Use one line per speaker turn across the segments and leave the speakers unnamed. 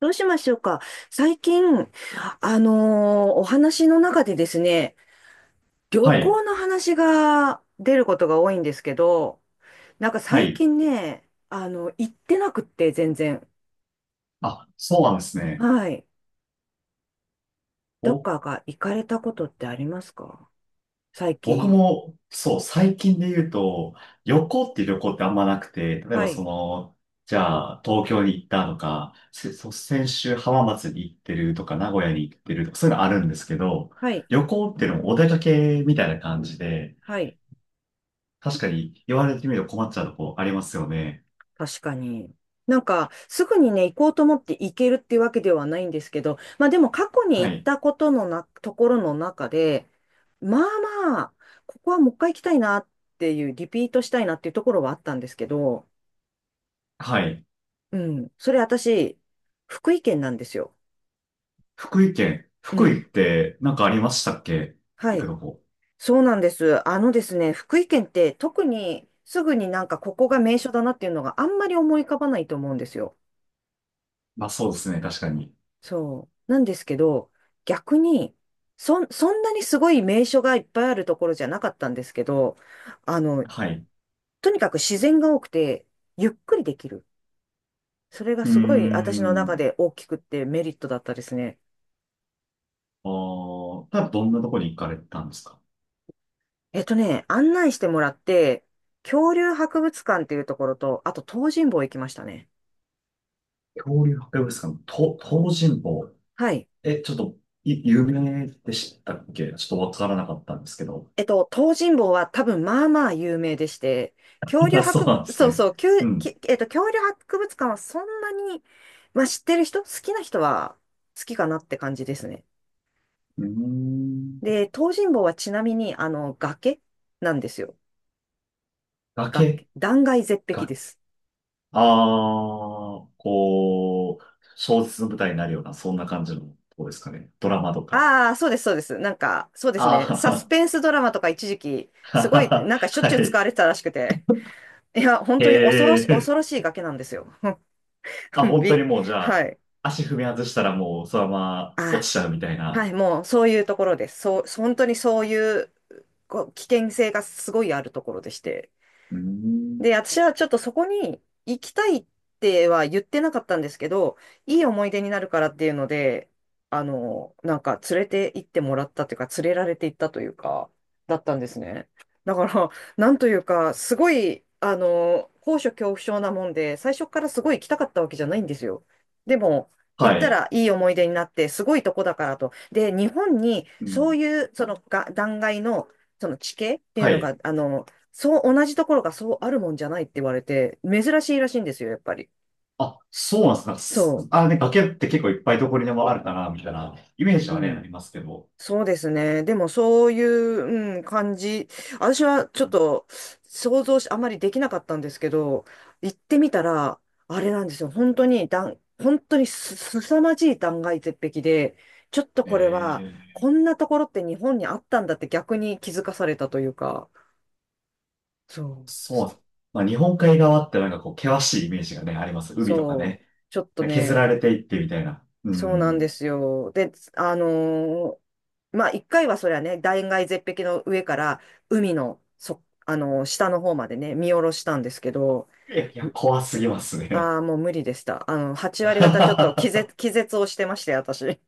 どうしましょうか。最近、お話の中でですね、旅
はい、
行の話が出ることが多いんですけど、なんか
は
最
い。
近ね、行ってなくって、全然。
あ、そうなんですね。
はい。どっ
お、
かが行かれたことってありますか、最
僕
近。
も、そう、最近で言うと、旅行ってあんまなくて、例え
は
ばそ
い。
の、じゃあ、東京に行ったとか、そう先週浜松に行ってるとか、名古屋に行ってるとか、そういうのあるんですけど、
はい。
旅行っていうのもお出かけみたいな感じで、
はい。
確かに言われてみると困っちゃうとこありますよね。
確かに。なんか、すぐにね、行こうと思って行けるっていうわけではないんですけど、まあでも過去に
は
行っ
い、
たことのところの中で、まあまあ、ここはもう一回行きたいなっていう、リピートしたいなっていうところはあったんですけど、
はい。
うん、それ私、福井県なんですよ。
福井県、
う
福井っ
ん、
てなんかありましたっけ、
は
行く
い。
とこ？
そうなんです。あのですね、福井県って特にすぐになんかここが名所だなっていうのがあんまり思い浮かばないと思うんですよ。
まあそうですね、確かに。
そう。なんですけど、逆に、そんなにすごい名所がいっぱいあるところじゃなかったんですけど、あの、
はい。
とにかく自然が多くて、ゆっくりできる。それが
うー
すごい私の中
ん。
で大きくってメリットだったですね。
ああ、ただどんなとこに行かれたんですか？
えっとね、案内してもらって、恐竜博物館っていうところと、あと東尋坊行きましたね。
恐竜博物館、と、東尋坊。
はい。
え、ちょっと、有名でしたっけ？ちょっとわからなかったんですけど。
えっと、東尋坊は多分まあまあ有名でして、恐 竜
あ、そう
博、
なんです
そう
ね。
そう、きゅ
う
う
ん。
きえっと、恐竜博物館はそんなに、まあ知ってる人、好きな人は好きかなって感じですね。
うーん。
で、東尋坊はちなみに、あの、崖なんですよ。崖。
崖
断崖絶壁
が、
です。
ああ、こう、小説の舞台になるような、そんな感じのとこですかね。ドラマとか。
ああ、そうです、そうです。なんか、そうですね。サス
ああ、
ペンスドラマとか一時期、
は
す
は
ごい、
は
なんかしょっ
は
ちゅう
は
使わ
い。
れてたらしくて。いや、本当に
へえ。
恐ろしい崖なんですよ。
あ、
もう
本当に
び、
もうじゃ
は
あ、
い。
足踏み外したらもうそのまま
あ
落ちちゃうみたい
ー、は
な。
い、もうそういうところです。そう、本当にそういう、こう危険性がすごいあるところでして。
うーん。
で、私はちょっとそこに行きたいっては言ってなかったんですけど、いい思い出になるからっていうので、あの、なんか連れて行ってもらったというか、連れられて行ったというか、だったんですね。だから、なんというか、すごい、あの、高所恐怖症なもんで、最初からすごい行きたかったわけじゃないんですよ。でも、行
は
った
い。
らいい思い出になって、すごいとこだからと。で、日本に
う
そ
ん。
ういう、そのが、断崖の、その地形っていう
は
の
い。
が、あの、そう、同じところがそうあるもんじゃないって言われて、珍しいらしいんですよ、やっぱり。
あ、そうなんですか。
そ
あ、ね、崖って結構いっぱいどこにでもあるかな、みたいなイメージ
う。う
はね、あ
ん。
りますけど。
そうですね。でも、そういう、うん、感じ。私はちょっと想像し、あまりできなかったんですけど、行ってみたら、あれなんですよ。本当にす、すさまじい断崖絶壁で、ちょっとこれは、こ
ええ、
んなところって日本にあったんだって逆に気づかされたというか、そう。
そうなんです。まあ、日本海側ってなんかこう、険しいイメージがね、あります。海とか
そう。
ね。
ちょっと
削
ね、
られていってみたいな。う
そうなんで
ん。
すよ。で、まあ、一回はそりゃね、断崖絶壁の上から海の、下の方までね、見下ろしたんですけど、
えいや、怖すぎますね。
ああ、もう無理でした。あの、8割方ちょっと気絶をしてまして、私。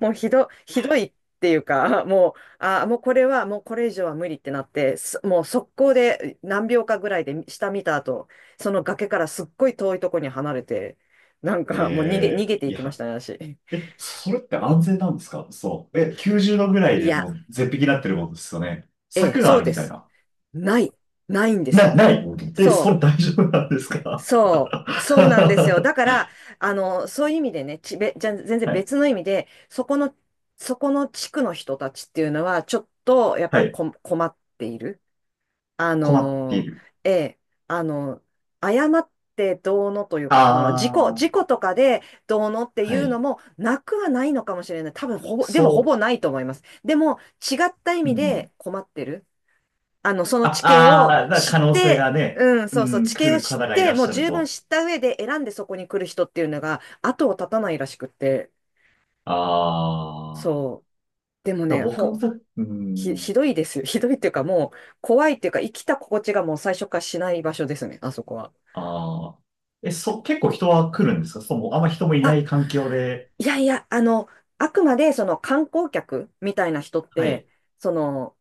もうひど、ひどいっていうか、もう、ああ、もうこれは、もうこれ以上は無理ってなって、もう速攻で何秒かぐらいで下見た後、その崖からすっごい遠いとこに離れて、なんかもう逃
ええ、
げて
い
いきまし
や。
たね、私。
え、それって安全なんですか？そう。え、90度ぐらい
い
で
や、
もう絶壁になってるもんですよね。
ええ、
柵が
そ
あ
う
る
で
みたい
す。
な。
ない、ないんです
な、
よ。
ない。え、そ
そ
れ
う。
大丈夫なんですか？
そうなんですよ。
は
だから、あの、そういう意味でね、ちべ、じゃ、全然別の
い。
意味で、そこの地区の人たちっていうのは、ちょっと、やっ
は
ぱり
い。
困っている。あ
困ってい
の、
る。
ええ、あの、誤ってどうのというか、その、
ああ、
事故とかでどうのってい
は
う
い。
のも、なくはないのかもしれない。多分、でもほ
そ
ぼないと思います。でも、違った意
う。う
味
ん。
で困ってる。あの、その
あ、
地形
あ
を
あ、
知っ
可能性
て、
がね、
うん、
う
そうそう、
ん、
地形
来
を
る
知っ
方がい
て、
らっ
もう
しゃる
十分
と。
知った上で選んでそこに来る人っていうのが後を絶たないらしくって、
ああ。
そう。でもね、
僕もさ、うん。
ひどいですよ。ひどいっていうかもう怖いっていうか生きた心地がもう最初からしない場所ですね、あそこは。
ああ。え、結構人は来るんですか？そう、もうあんま人もいな
あ、
い環境で。
いやいや、あの、あくまでその観光客みたいな人っ
は
て、
い。
その、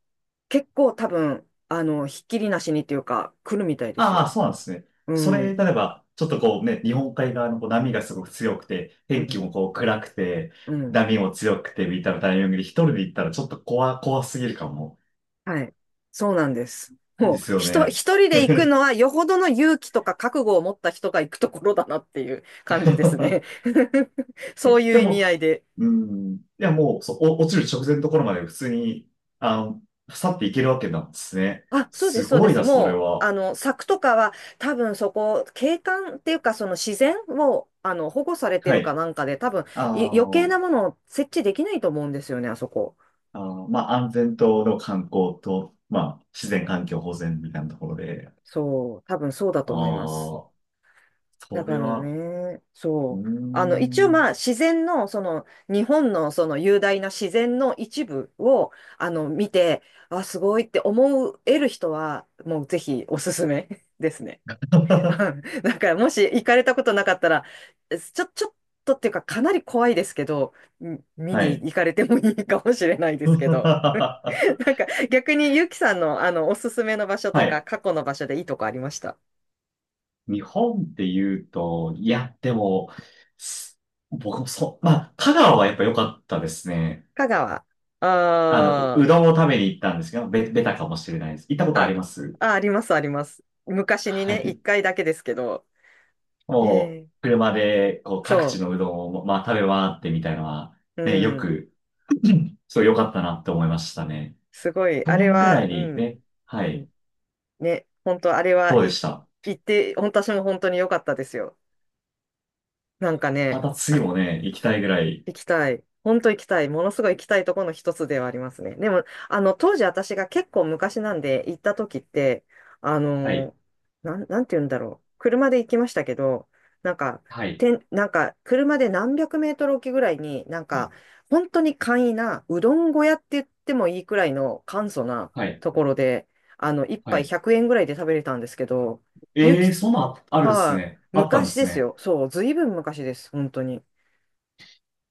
結構多分、あの、ひっきりなしにっていうか来るみたいです
ああ、
よ。
そうなんですね。そ
う
れ、
ん、
例えば、ちょっとこうね、日本海側のこう波がすごく強くて、
う
天気
ん、
もこう暗くて、
うん。
波も強くて、みたいなタイミングで一人で行ったらちょっと怖すぎるかも。
はい。そうなんです。も
で
う、
すよね。
一人で行くのは、よほどの勇気とか覚悟を持った人が行くところだなっていう感じですね。そう
え、
いう
で
意味
も、
合いで。
うん、いやもう、そう、落ちる直前のところまで普通に、あの、去っていけるわけなんですね。
あ、そうで
す
す、そうで
ごい
す。
な、それ
もう、あ
は。
の、柵とかは、多分そこ、景観っていうか、その自然を、あの、保護されて
は
るか
い。
なんかで、多分、
あ
余計
の、
なものを設置できないと思うんですよね、あそこ。
あの、まあ、安全との観光と、まあ、自然環境保全みたいなところで、
そう、多分そうだ
あ
と思います。
あ、
だ
そ
か
れ
ら
は、
ね、
うー
そう。あの、一応まあ
ん。
自然の、その、日本のその雄大な自然の一部を、あの、見て、あ、すごいって思える人は、もうぜひおすすめ ですね。うん、 だからもし行かれたことなかったら、ちょっとっていうかかなり怖いですけど、うん、見
は
に
い。
行かれてもいいかもしれないです けど。なんか逆にゆきさんのあの、おすすめの場所
は
とか
い。
過去の場所でいいとこありました。
日本って言うと、いや、でも、す僕もそう、まあ、香川はやっぱ良かったですね。
香川。
あの、
あ
う
あ。
どんを食べに行ったんですけど、ベタかもしれないです。行ったことあ
あ、
ります？
あ、あります、あります。昔に
は
ね、一
い。
回だけですけど。え
もう、
え、
車で、こう、各地
そ
のうどんを、まあ、食べ回ってみたいなのは、
う。う
ね、よ
ん。
く、すごい良かったなって思いましたね。
すごい。
去
あれ
年ぐら
は、
い
う
に
ん。
ね、は
う
い。
ん、ね、本当あれは、
どうでした？
行って、本当私も本当に良かったですよ。なんか
ま
ね、
た次もね、行きたいぐらい。
行きたい。本当行きたい。ものすごい行きたいところの一つではありますね。でも、あの、当時私が結構昔なんで行った時って、あ
はい、
の、なんて言うんだろう。車で行きましたけど、なんか、
はい、
なんか、車で何百メートル置きぐらいに、なんか、本当に簡易な、うどん小屋って言ってもいいくらいの簡素な
はい、
ところで、あの、一
は
杯
い。
100円ぐらいで食べれたんですけど、ゆ
ええ、
き、
そんなんあるんです
は
ね。
い、
あったんで
昔で
す
す
ね。
よ。そう、ずいぶん昔です。本当に。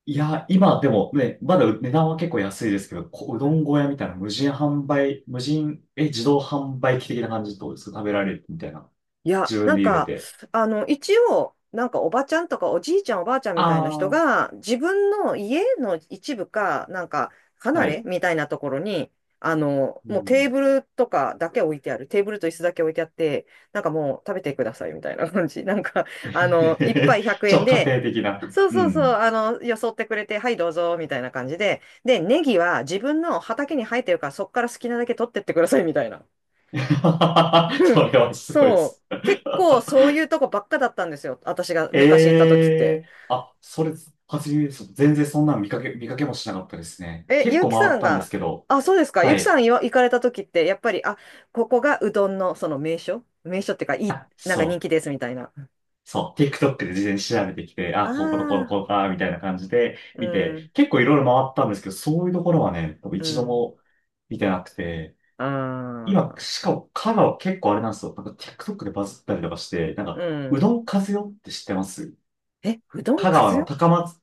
いや、今でもね、まだ値段は結構安いですけど、う
う
ど
ん、
ん小屋みたいな無人販売、無人、え、自動販売機的な感じとですか食べられるみたいな。
いや、
自
な
分
ん
で茹で
か、
て。
あの、一応、なんかおばちゃんとかおじいちゃんおばあちゃんみ
あ
たいな人
あ、
が、自分の家の一部か、なんか、
は
離れ
い。
みたいなところに、あの、
う
もうテー
ん。
ブルとかだけ置いてある。テーブルと椅子だけ置いてあって、なんかもう食べてくださいみたいな感じ。なんか、あの、一杯 100円
家
で、
庭的な。
そう
う
そうそう、
ん。
あの、よそってくれて、はいどうぞ、みたいな感じで。で、ネギは自分の畑に生えてるから、そっから好きなだけ取ってってくださいみたいな。う
そ
ん、
れはすごいで
そう。
す。
結構そういうとこばっかだったんですよ。私が昔行った時って。
ええ、あ、それ、初めです。全然そんなの見かけもしなかったですね。
え、
結
ゆう
構
き
回
さ
っ
ん
たんで
が、
すけど、
あ、そうですか。ゆう
は
きさ
い。
ん行かれた時って、やっぱり、あ、ここがうどんのその名所っていうか、いい、
あ、
なんか人
そ
気ですみたいな。
う、そう、TikTok で事前に調べてきて、あ、こことこの
ああ、
こうか、みたいな感じで
う
見
ん、
て、結構いろいろ回ったんですけど、そういうところはね、多分
う
一度
ん、
も見てなくて、
あ
今、
あ、
しかも、香川結構あれなんですよ。なんか TikTok でバズったりとかして、なん
う
か、うど
ん。
ん風よって知ってます？
え、うどん
香
か
川
ず
の
よ、
高松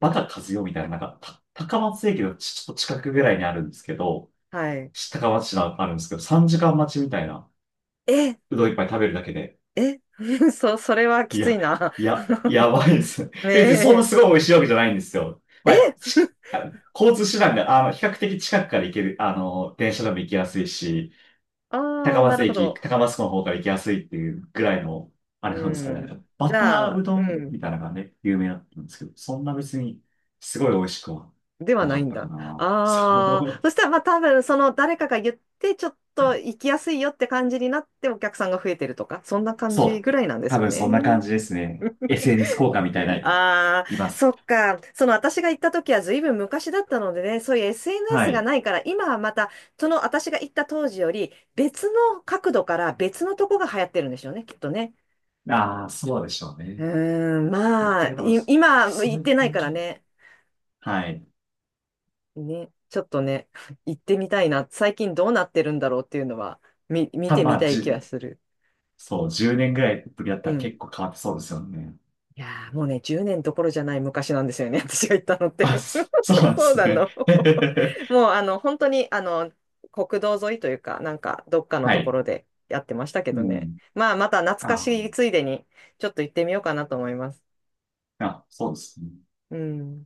バカ和代みたいな、なんか、高松駅のちょっと近くぐらいにあるんですけど、
はい。
高松市のあるんですけど、3時間待ちみたいな、
え、
うどん一杯食べるだけで。
え、それはき
い
つ
や、
いな。
いや、やばいです。
ね
え、そんな
え。
すごい美味しいわけじゃないんですよ。まあ、
え、
あの交通手段が、あの、比較的近くから行ける、あの、電車でも行きやすいし、
あ
高
あ、な
松
るほ
駅、
ど。
高松港の方から行きやすいっていうぐらいの、あ
う
れなんですけど
ん。
ね。バ
じ
タ
ゃ
ー
あ、
うど
う
ん
ん。
みたいなのがね、有名だったんですけど、そんな別にすごい美味しくは
では
な
な
か
い
っ
ん
たか
だ。
な。そ
ああ、そ
う。
したらまあ多分その誰かが言ってちょっと行きやすいよって感じになってお客さんが増えてるとか、そんな感
そ
じぐ
う。
らいなんです
多
か
分そんな感
ね。
じですね。SNS 効果みたいな、
ああ、
いま
そ
す。
っか。その私が行った時は随分昔だったのでね、そういう
は
SNS が
い。
ないから、今はまたその私が行った当時より別の角度から別のとこが流行ってるんでしょうね、きっとね。
ああ、そうでしょう
う
ね。
ーん、
結
まあ、
構多分、
今
そ
行
うい
っ
う
てない
感
から
じ、
ね。
はい。
ね、ちょっとね、行ってみたいな。最近どうなってるんだろうっていうのは、見
たぶ
て
ん、
み
まあ、
たい気はする。
そう、10年ぐらいぶりだった
う
ら結
ん。
構変わってそうですよね。
いやー、もうね、10年どころじゃない昔なんですよね、私が行ったのっ
あ、
て。
そうなん で
そう
す
な
ね。
の。もう、あの、本当に、あの、国道沿いというか、なんか、どっかの
は
とこ
い。
ろでやってましたけ
う
どね。
ん。
まあ、また懐か
あ
しいついでに、ちょっと行ってみようかなと思います。
あ、あ、そうですね。
うん。